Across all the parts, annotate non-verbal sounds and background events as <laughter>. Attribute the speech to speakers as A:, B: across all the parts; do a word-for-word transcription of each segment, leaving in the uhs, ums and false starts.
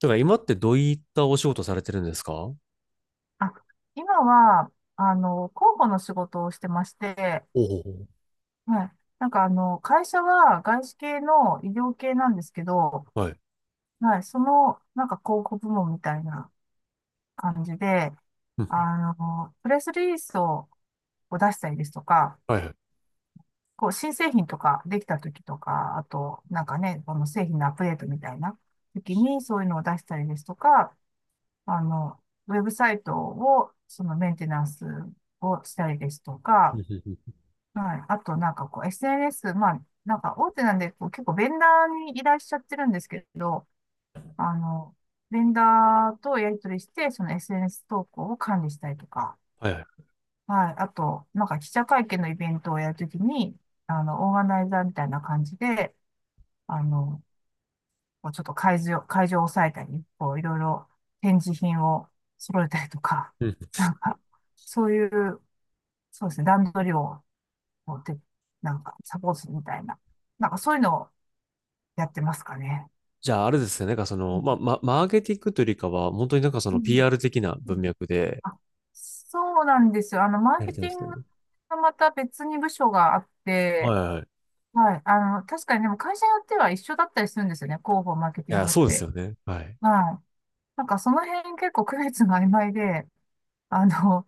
A: だから今ってどういったお仕事されてるんですか？
B: あ、今は、あの、広報の仕事をしてまして、
A: おお。
B: はい。なんかあの、会社は外資系の医療系なんですけど、
A: はい。
B: はい。その、なんか広告部門みたいな感じで、
A: うんうん。
B: あの、プレスリリースを、を出したりですとか、
A: はいはい。
B: こう、新製品とかできた時とか、あと、なんかね、この製品のアップデートみたいな時にそういうのを出したりですとか、あの、ウェブサイトを、そのメンテナンスをしたりですと
A: うん
B: か、
A: うんうん。
B: はい。あと、なんかこう、エスエヌエス、まあ、なんか大手なんで、こう、結構ベンダーに依頼しちゃってるんですけど、あの、ベンダーとやり取りして、その エスエヌエス 投稿を管理したりとか、
A: はいはい。
B: はい。あと、なんか記者会見のイベントをやるときに、あの、オーガナイザーみたいな感じで、あの、こうちょっと会場、会場を抑えたり、こう、いろいろ展示品を揃えたりとか、
A: うん。
B: なんか、そういう、そうですね、段取りをこうて、なんかサポートするみたいな。なんかそういうのをやってますかね。
A: じゃあ、あれですね。なんかそ
B: う
A: の、
B: ん
A: まあ、ま、マーケティングというよりかは、本当になんかそ
B: う
A: の
B: ん
A: ピーアール 的な
B: う
A: 文
B: ん、
A: 脈で
B: あ、そうなんですよ。あの、マー
A: やれ
B: ケ
A: てるん
B: ティ
A: です
B: ング
A: ね。
B: がまた別に部署があっ
A: は
B: て、
A: いはい。い
B: はい。あの、確かにでも会社によっては一緒だったりするんですよね。広報、マーケティン
A: や、
B: グっ
A: そうです
B: て。
A: よね。はい。
B: はい。なんかその辺結構区別が曖昧で、あの、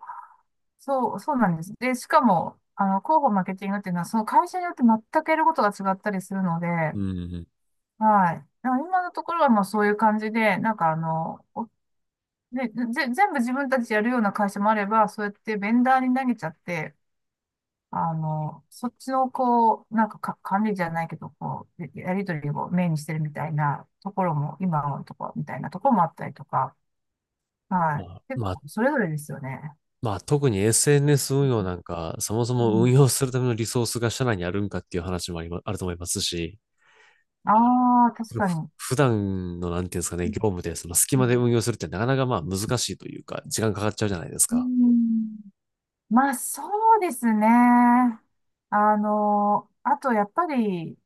B: そう、そうなんです。で、しかも、あの、広報、マーケティングっていうのは、その会社によって全くやることが違ったりするので、
A: うんうんうん。
B: はい。だから今のところはまあそういう感じで、なんかあの、おで、ぜ、全部自分たちやるような会社もあれば、そうやってベンダーに投げちゃって、あの、そっちのこう、なんか、か、管理じゃないけど、こう、ややりとりをメインにしてるみたいなところも、今のところみたいなところもあったりとか、は
A: まあ、
B: い。結
A: まあ、
B: 構それぞれですよね。
A: まあ、特に エスエヌエス 運用なんか、そもそ
B: う
A: も運
B: ん、
A: 用するためのリソースが社内にあるんかっていう話もありま、あると思いますし、
B: ああ、確かに。
A: 普段の、なんていうんですかね、
B: う
A: 業務で、その隙間で
B: ん
A: 運用するってなかなかまあ難しいというか、時間かかっちゃうじゃないです
B: う
A: か。
B: ん、まあ、そうですね。あの、あと、やっぱり、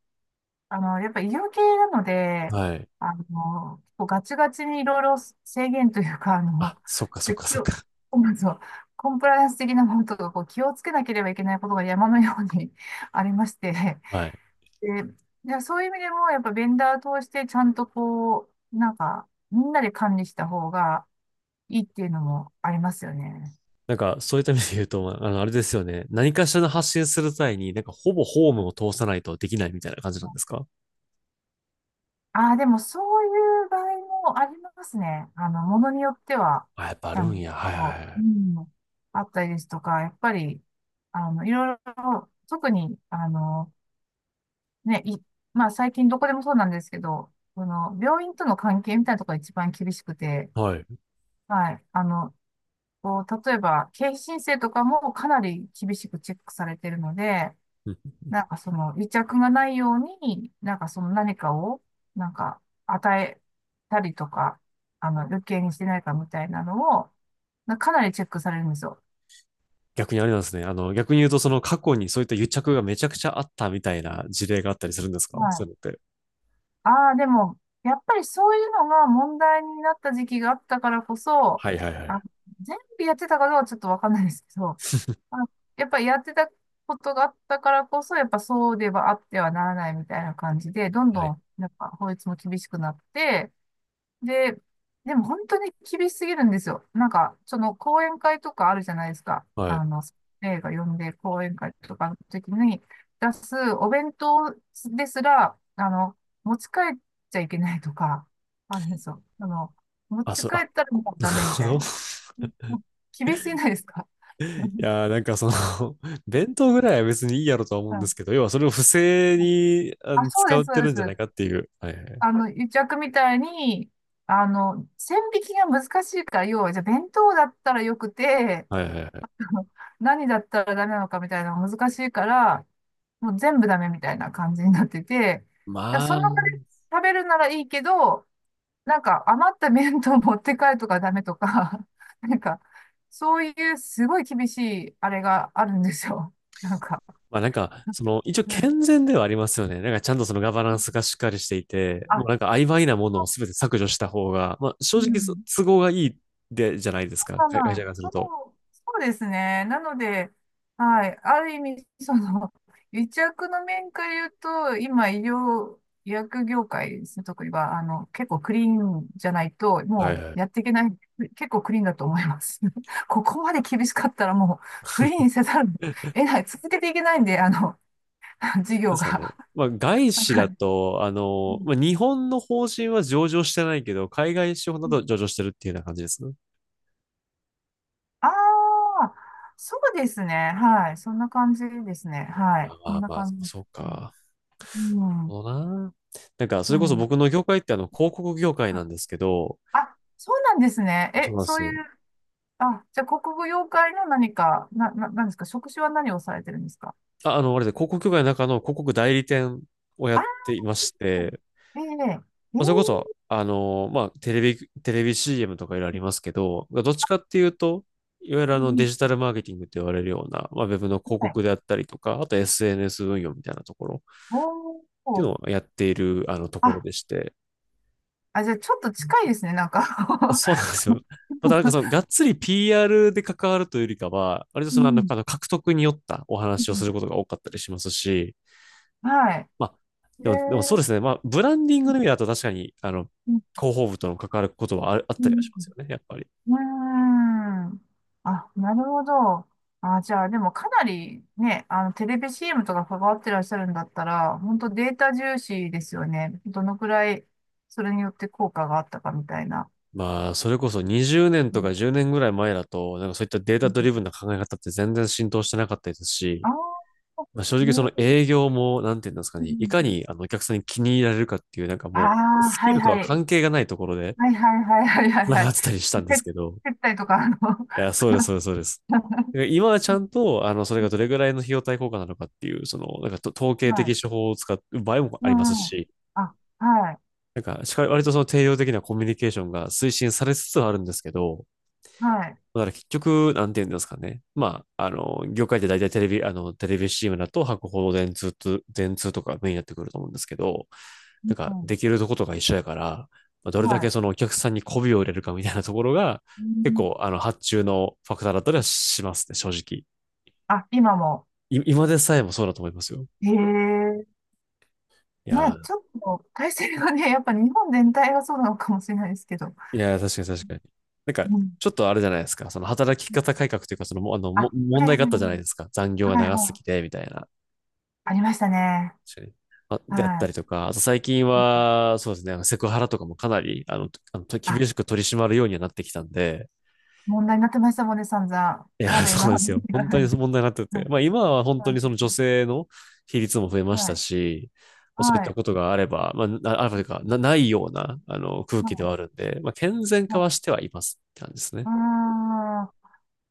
B: あの、やっぱ医療系なので、
A: はい。
B: あの、結構ガチガチにいろいろ制限というか、あの、
A: あ、そっかそっ
B: で
A: か
B: 気
A: そっ
B: を
A: か。
B: まずはコンプライアンス的なものとか、こう気をつけなければいけないことが山のように <laughs> ありまして、
A: はい。
B: で、でそういう意味でも、やっぱベンダーを通してちゃんとこう、なんか、みんなで管理した方がいいっていうのもありますよね。
A: なんか、そういった意味で言うと、まああの、あれですよね。何かしらの発信する際に、なんか、ほぼホームを通さないとできないみたいな感じなんですか？
B: ああ、でもそういう場合もありますね。あの、ものによっては、
A: あ、やっぱある
B: な
A: ん
B: んか
A: や。はい
B: こ
A: は
B: う、う
A: い
B: ん、あったりですとか、やっぱり、あの、いろいろ、特に、あの、ね、い、まあ最近どこでもそうなんですけど、その、病院との関係みたいなところが一番厳しくて、
A: はい。はい。
B: はい、あの、こう、例えば、経費申請とかもかなり厳しくチェックされてるので、
A: うん。
B: なんかその癒着がないように、なんかその何かを、なんか与えたりとか、あの、余計にしてないかみたいなのを、なかなりチェックされるんですよ。
A: 逆にあれなんですね。あの、逆に言うと、その過去にそういった癒着がめちゃくちゃあったみたいな事例があったりするんですか
B: は
A: そういう
B: い。
A: のって。
B: ああ、でも、やっぱりそういうのが問題になった時期があったからこそ、
A: はいはいは
B: あ、
A: い。
B: 全部やってたかどうかちょっとわかんないですけど、あ、やっぱりやってたことがあったからこそ、やっぱそうではあってはならないみたいな感じで、どんど
A: はい。
B: ん、なんか法律も厳しくなって、で、でも本当に厳しすぎるんですよ。なんか、その講演会とかあるじゃないですか。
A: は
B: あ
A: い。
B: の、映画読んで講演会とかの時に出すお弁当ですら、あの、持ち帰っちゃいけないとか、あるんですよ。あの、持
A: あ、
B: ち
A: そう、
B: 帰
A: あ、
B: ったらもう
A: な
B: ダ
A: る
B: メみ
A: ほ
B: た
A: ど。
B: いな。
A: <laughs>
B: もう厳しすぎないですか？
A: い
B: <laughs>
A: やー、なんかその <laughs> 弁当ぐらいは別にいいやろとは思う
B: は
A: んで
B: い、
A: すけど、要はそれを不正にあ
B: あ、
A: の
B: そう
A: 使
B: です、
A: っ
B: そう
A: て
B: で
A: るんじゃない
B: す。
A: かっていう。はいはい。
B: あの、癒着みたいに、あの、線引きが難しいから、要は、じゃあ弁当だったらよくて、
A: はいはいはい。
B: <laughs> 何だったらダメなのかみたいなのが難しいから、もう全部ダメみたいな感じになってて、
A: ま
B: だからその
A: あ、
B: 場で食べるならいいけど、なんか余った麺と持って帰るとかダメとか、<laughs> なんか、そういうすごい厳しいあれがあるんですよ。なんか、
A: まあなんか、その、一応
B: うん、
A: 健全ではありますよね。なんかちゃんとそのガバナンスがしっかりしていて、もう
B: あ、
A: なんか曖昧なものを全て削除した方が、まあ正
B: う
A: 直そ
B: ん。
A: 都合がいいで、じゃないですか。
B: まあ
A: 会会
B: ま
A: 社
B: あ、
A: からす
B: そ
A: ると。
B: う、そうですね。なので、はい。ある意味、その、<laughs> 癒着の面から言うと、今、医療、医薬業界ですね、特には、あの、結構クリーンじゃないと、
A: はい
B: も
A: はい。
B: うやっていけない、結構クリーンだと思います。<laughs> ここまで厳しかったら、もう、クリーンせざるを
A: <laughs> な
B: 得ない、続けていけないんで、あの、<laughs> 事
A: んで
B: 業
A: すかね。
B: が。
A: まあ、外資
B: は
A: だ
B: い、
A: と、あ
B: う
A: の、ま
B: ん
A: あ、日本の法人は上場してないけど、海外資本だ
B: うん、
A: と上場してるっていうような感じですね。
B: ああ、そうですね。はい。そんな感じですね。はい。そ
A: あ
B: ん
A: あ、
B: な
A: まあ、
B: 感じ。
A: そうか。
B: うん。うん
A: そうな。なんか、そ
B: う
A: れこそ僕
B: ん。
A: の業界ってあの、広告業界な
B: あ、
A: んですけど、
B: あ、そうなんですね。
A: あ、そ
B: え、
A: うなんで
B: そ
A: す
B: ういう、
A: よ。
B: あ、じゃあ、国語妖怪の何か、な、な、何んですか、職種は何をされてるんですか？
A: あ、あの、あれで、広告業界の中の広告代理店をやっ
B: あ、
A: ていまして、
B: ええ、え
A: まあ
B: え、
A: それこそ、あの、まあ、テレビ、テレビ シーエム とかいろいろありますけど、どっちかっていうと、いわゆるあ
B: う
A: のデ
B: ん、
A: ジタルマーケティングって言われるような、まあ、ウェブの広
B: はい。
A: 告であったりとか、あと エスエヌエス 運用みたいなところっ
B: お
A: ていう
B: お、
A: のをやっているあのところ
B: あ、
A: でして、
B: あ、じゃあ、ちょっと近いですね、なんか。
A: そうなんですよ。またなんかその、がっつり ピーアール で関わるというよりかは、割と
B: <laughs> う
A: その、なん
B: ん。
A: かあの獲得によったお
B: う
A: 話をす
B: ん、
A: ることが多かったりしますし、
B: は
A: まあ、
B: い。え
A: でも、でもそう
B: え、
A: ですね。まあ、ブランディングの意味だと確かに、あの、広報部との関わることはあるあっ
B: う
A: たりはし
B: ん
A: ま
B: うん、
A: すよね、やっぱり。
B: うーん。あ、なるほど。あ、じゃあ、でもかなりね、あの、テレビ シーエム とか関わってらっしゃるんだったら、本当データ重視ですよね。どのくらい、それによって効果があったかみたいな。
A: まあ、それこそにじゅうねん
B: う
A: と
B: ん
A: かじゅうねんぐらい前だと、なんかそういったデー
B: う
A: タ
B: ん、
A: ドリブンな考え方って全然浸透してなかったですし、
B: ああ、
A: まあ、正
B: え
A: 直その
B: ー、
A: 営業も、なんていうんですかね、いかにあのお客さんに気に入られるかっていう、なんか
B: あ
A: もう、
B: あ、
A: スキ
B: はい
A: ルとは
B: はい。
A: 関係がないところで、
B: はいはいはいはいはい
A: な
B: は
A: か
B: い。
A: ったりしたんです
B: 接
A: けど。
B: 接待とか、あの。
A: いや、そうです、そうです、そうです。
B: <laughs>
A: 今はちゃんと、あの、それがどれぐらいの費用対効果なのかっていう、その、なんかと統計
B: はい。
A: 的手法を使う場合も
B: う
A: あります
B: んうん。
A: し、
B: あ、はい。
A: なんか、しか割とその定量的なコミュニケーションが推進されつつあるんですけど、
B: はい。
A: だから結局、なんて言うんですかね。まあ、あの、業界で大体テレビ、あの、テレビシーエムだと博報、電通と、電通とかメインになってくると思うんですけど、なん
B: う
A: か、で
B: ん、
A: きるとことが一緒やから、まあどれだ
B: は
A: け
B: い。
A: そのお客さんに媚びを入れるかみたいなところが、
B: う
A: 結
B: ん、
A: 構、あの、発注のファクターだったりはしますね、正直。
B: あ、今も。
A: い今でさえもそうだと思いますよ。
B: へえ。
A: い
B: ま
A: や
B: あ、ち
A: ー、
B: ょっと体制がね、<laughs> やっぱ日本全体がそうなのかもしれないですけど。
A: いやー、確かに確かに。なんか、
B: うん。
A: ちょっとあれじゃないですか。その働き方改革というか、その、もあの、も
B: あ、
A: 問
B: はい
A: 題
B: は
A: があったじゃないで
B: い。
A: すか。残業が
B: はい
A: 長す
B: は
A: ぎ
B: い。
A: て、みたいな。
B: ありましたね。
A: 確かに。あ、であった
B: は
A: りとか、あと最近
B: い。
A: は、そうですね、あのセクハラとかもかなり、あの、あの、と厳
B: あ、
A: しく取り締まるようにはなってきたんで、
B: 問題になってましたもんね、散々。
A: いや、
B: ま
A: <laughs>
B: だ
A: そうな
B: 今
A: んで
B: だ
A: す
B: ね。
A: よ。本当に
B: <laughs>
A: 問題になって
B: は
A: て。
B: い。
A: まあ今は本当にその女性の比率も増えまし
B: は
A: た
B: い。
A: し、まあそういっ
B: は
A: た
B: い。
A: ことがあれば、まあ、なあるというか、な、ないような、あの、空
B: は
A: 気で
B: い。
A: はあるんで、まあ健全
B: は
A: 化はし
B: い。
A: てはいますって感じですね。
B: あ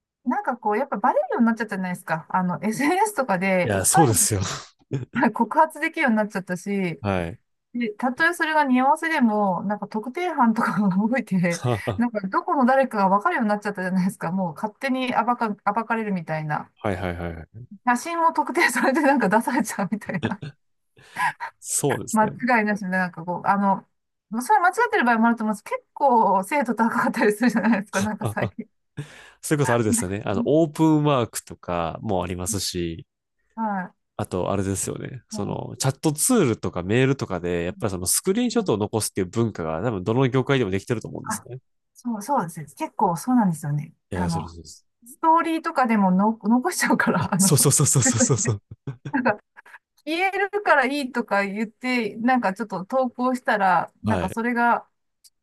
B: ー、なんかこう、やっぱバレるようになっちゃったじゃないですか。あの、エスエヌエス とか
A: い
B: で
A: や、
B: 一
A: そう
B: 般
A: で
B: 人
A: すよ。<laughs>
B: が <laughs> 告発できるようになっちゃったし、
A: はい。
B: で、たとえそれが似合わせでも、なんか特定班とかが動いて、
A: <laughs> は
B: なんかどこの誰かが分かるようになっちゃったじゃないですか。もう勝手に暴か、暴かれるみたいな。
A: いはいはいはい。
B: 写真も特定されてなんか出されちゃうみたいな。
A: そうで
B: <laughs>
A: す
B: 間
A: ね。
B: 違いなしで、なんかこう、あの、それは間違ってる場合もあると思うんです。結構精度高かったりするじゃないですか。なんか
A: あ、
B: 最
A: あ
B: 近。
A: そういうことあるですよね。あの、
B: <laughs>
A: オープンワークとかもありますし、
B: は
A: あと、あれですよね。
B: い。う
A: そ
B: ん
A: の、チャットツールとかメールとかで、やっぱりそのスクリーンショ
B: う
A: ッ
B: ん、
A: トを残すっていう文化が多分どの業界でもできてると思うんです
B: あ、
A: ね。
B: そう、そうです。結構そうなんですよね。
A: い
B: あ
A: や、そうで
B: の、
A: すそうです。
B: ストーリーとかでもの残しちゃうか
A: あ、
B: ら、あ
A: そ
B: の、
A: うそうそうそうそう
B: <laughs>
A: そう。
B: 言えるからいいとか言って、なんかちょっと投稿したら、なん
A: は
B: か
A: い。
B: それがこ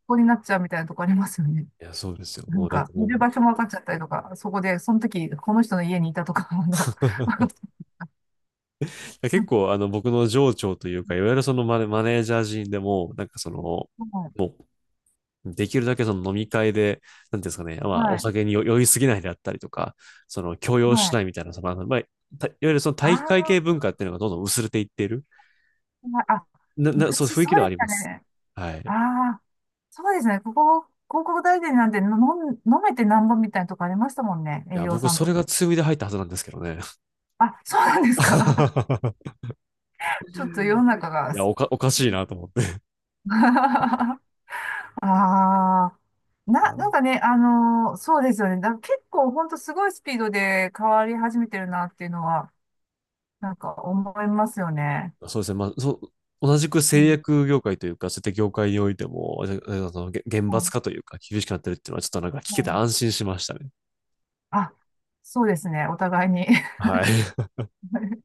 B: こになっちゃうみたいなとこありますよね。
A: いや、そうですよ。
B: な
A: も
B: ん
A: うなん
B: か、
A: か
B: い
A: も
B: る場所も分かっちゃったりとか、そこで、その時、この人の家にいたとか、あの、
A: う <laughs> 結構あの僕の上長というか、いわゆるそのマネ、マネージャー陣でも、なんかその、
B: はい、
A: できるだけその飲み会で、なんていうんですかね、まあお
B: はい、
A: 酒に酔酔いすぎないであったりとか、その強要し
B: は
A: な
B: い。
A: いみたいな、その、あのまあ、たいわゆるその
B: あ
A: 体育会系文化っていうのがどんどん薄れていっている。
B: あ、あ、
A: な、な、そう、
B: 昔
A: 雰囲気
B: そ
A: で
B: う
A: は
B: で
A: あ
B: し
A: り
B: た
A: ます。
B: ね。
A: はい。
B: あ
A: い
B: あ、そうですね。ここ、広告代理店なんて飲ん、飲めてなんぼみたいなとこありましたもんね。営
A: や、
B: 業
A: 僕、
B: さん
A: そ
B: と
A: れ
B: か。
A: が強みで入ったはずなんですけどね。
B: あ、そうなんですか。
A: <laughs>
B: <laughs> ちょっと世の中
A: い
B: が。
A: や、おか、おかしいなと思って。
B: <laughs> ああ、
A: あ
B: な、
A: の
B: なんかね、あのーそうですよね。だから結構ほんとすごいスピードで変わり始めてるなっていうのは、なんか思いますよね。
A: そうですね。まあ、そう、同じく
B: う
A: 製
B: ん、
A: 薬業界というか、そういった業界においても、あの、厳
B: う
A: 罰
B: ん、
A: 化というか、厳しくなってるっていうのは、ちょっとなんか聞
B: う
A: けて
B: ん。
A: 安心しましたね。
B: あ、そうですね。お互いに。
A: はい。
B: <laughs>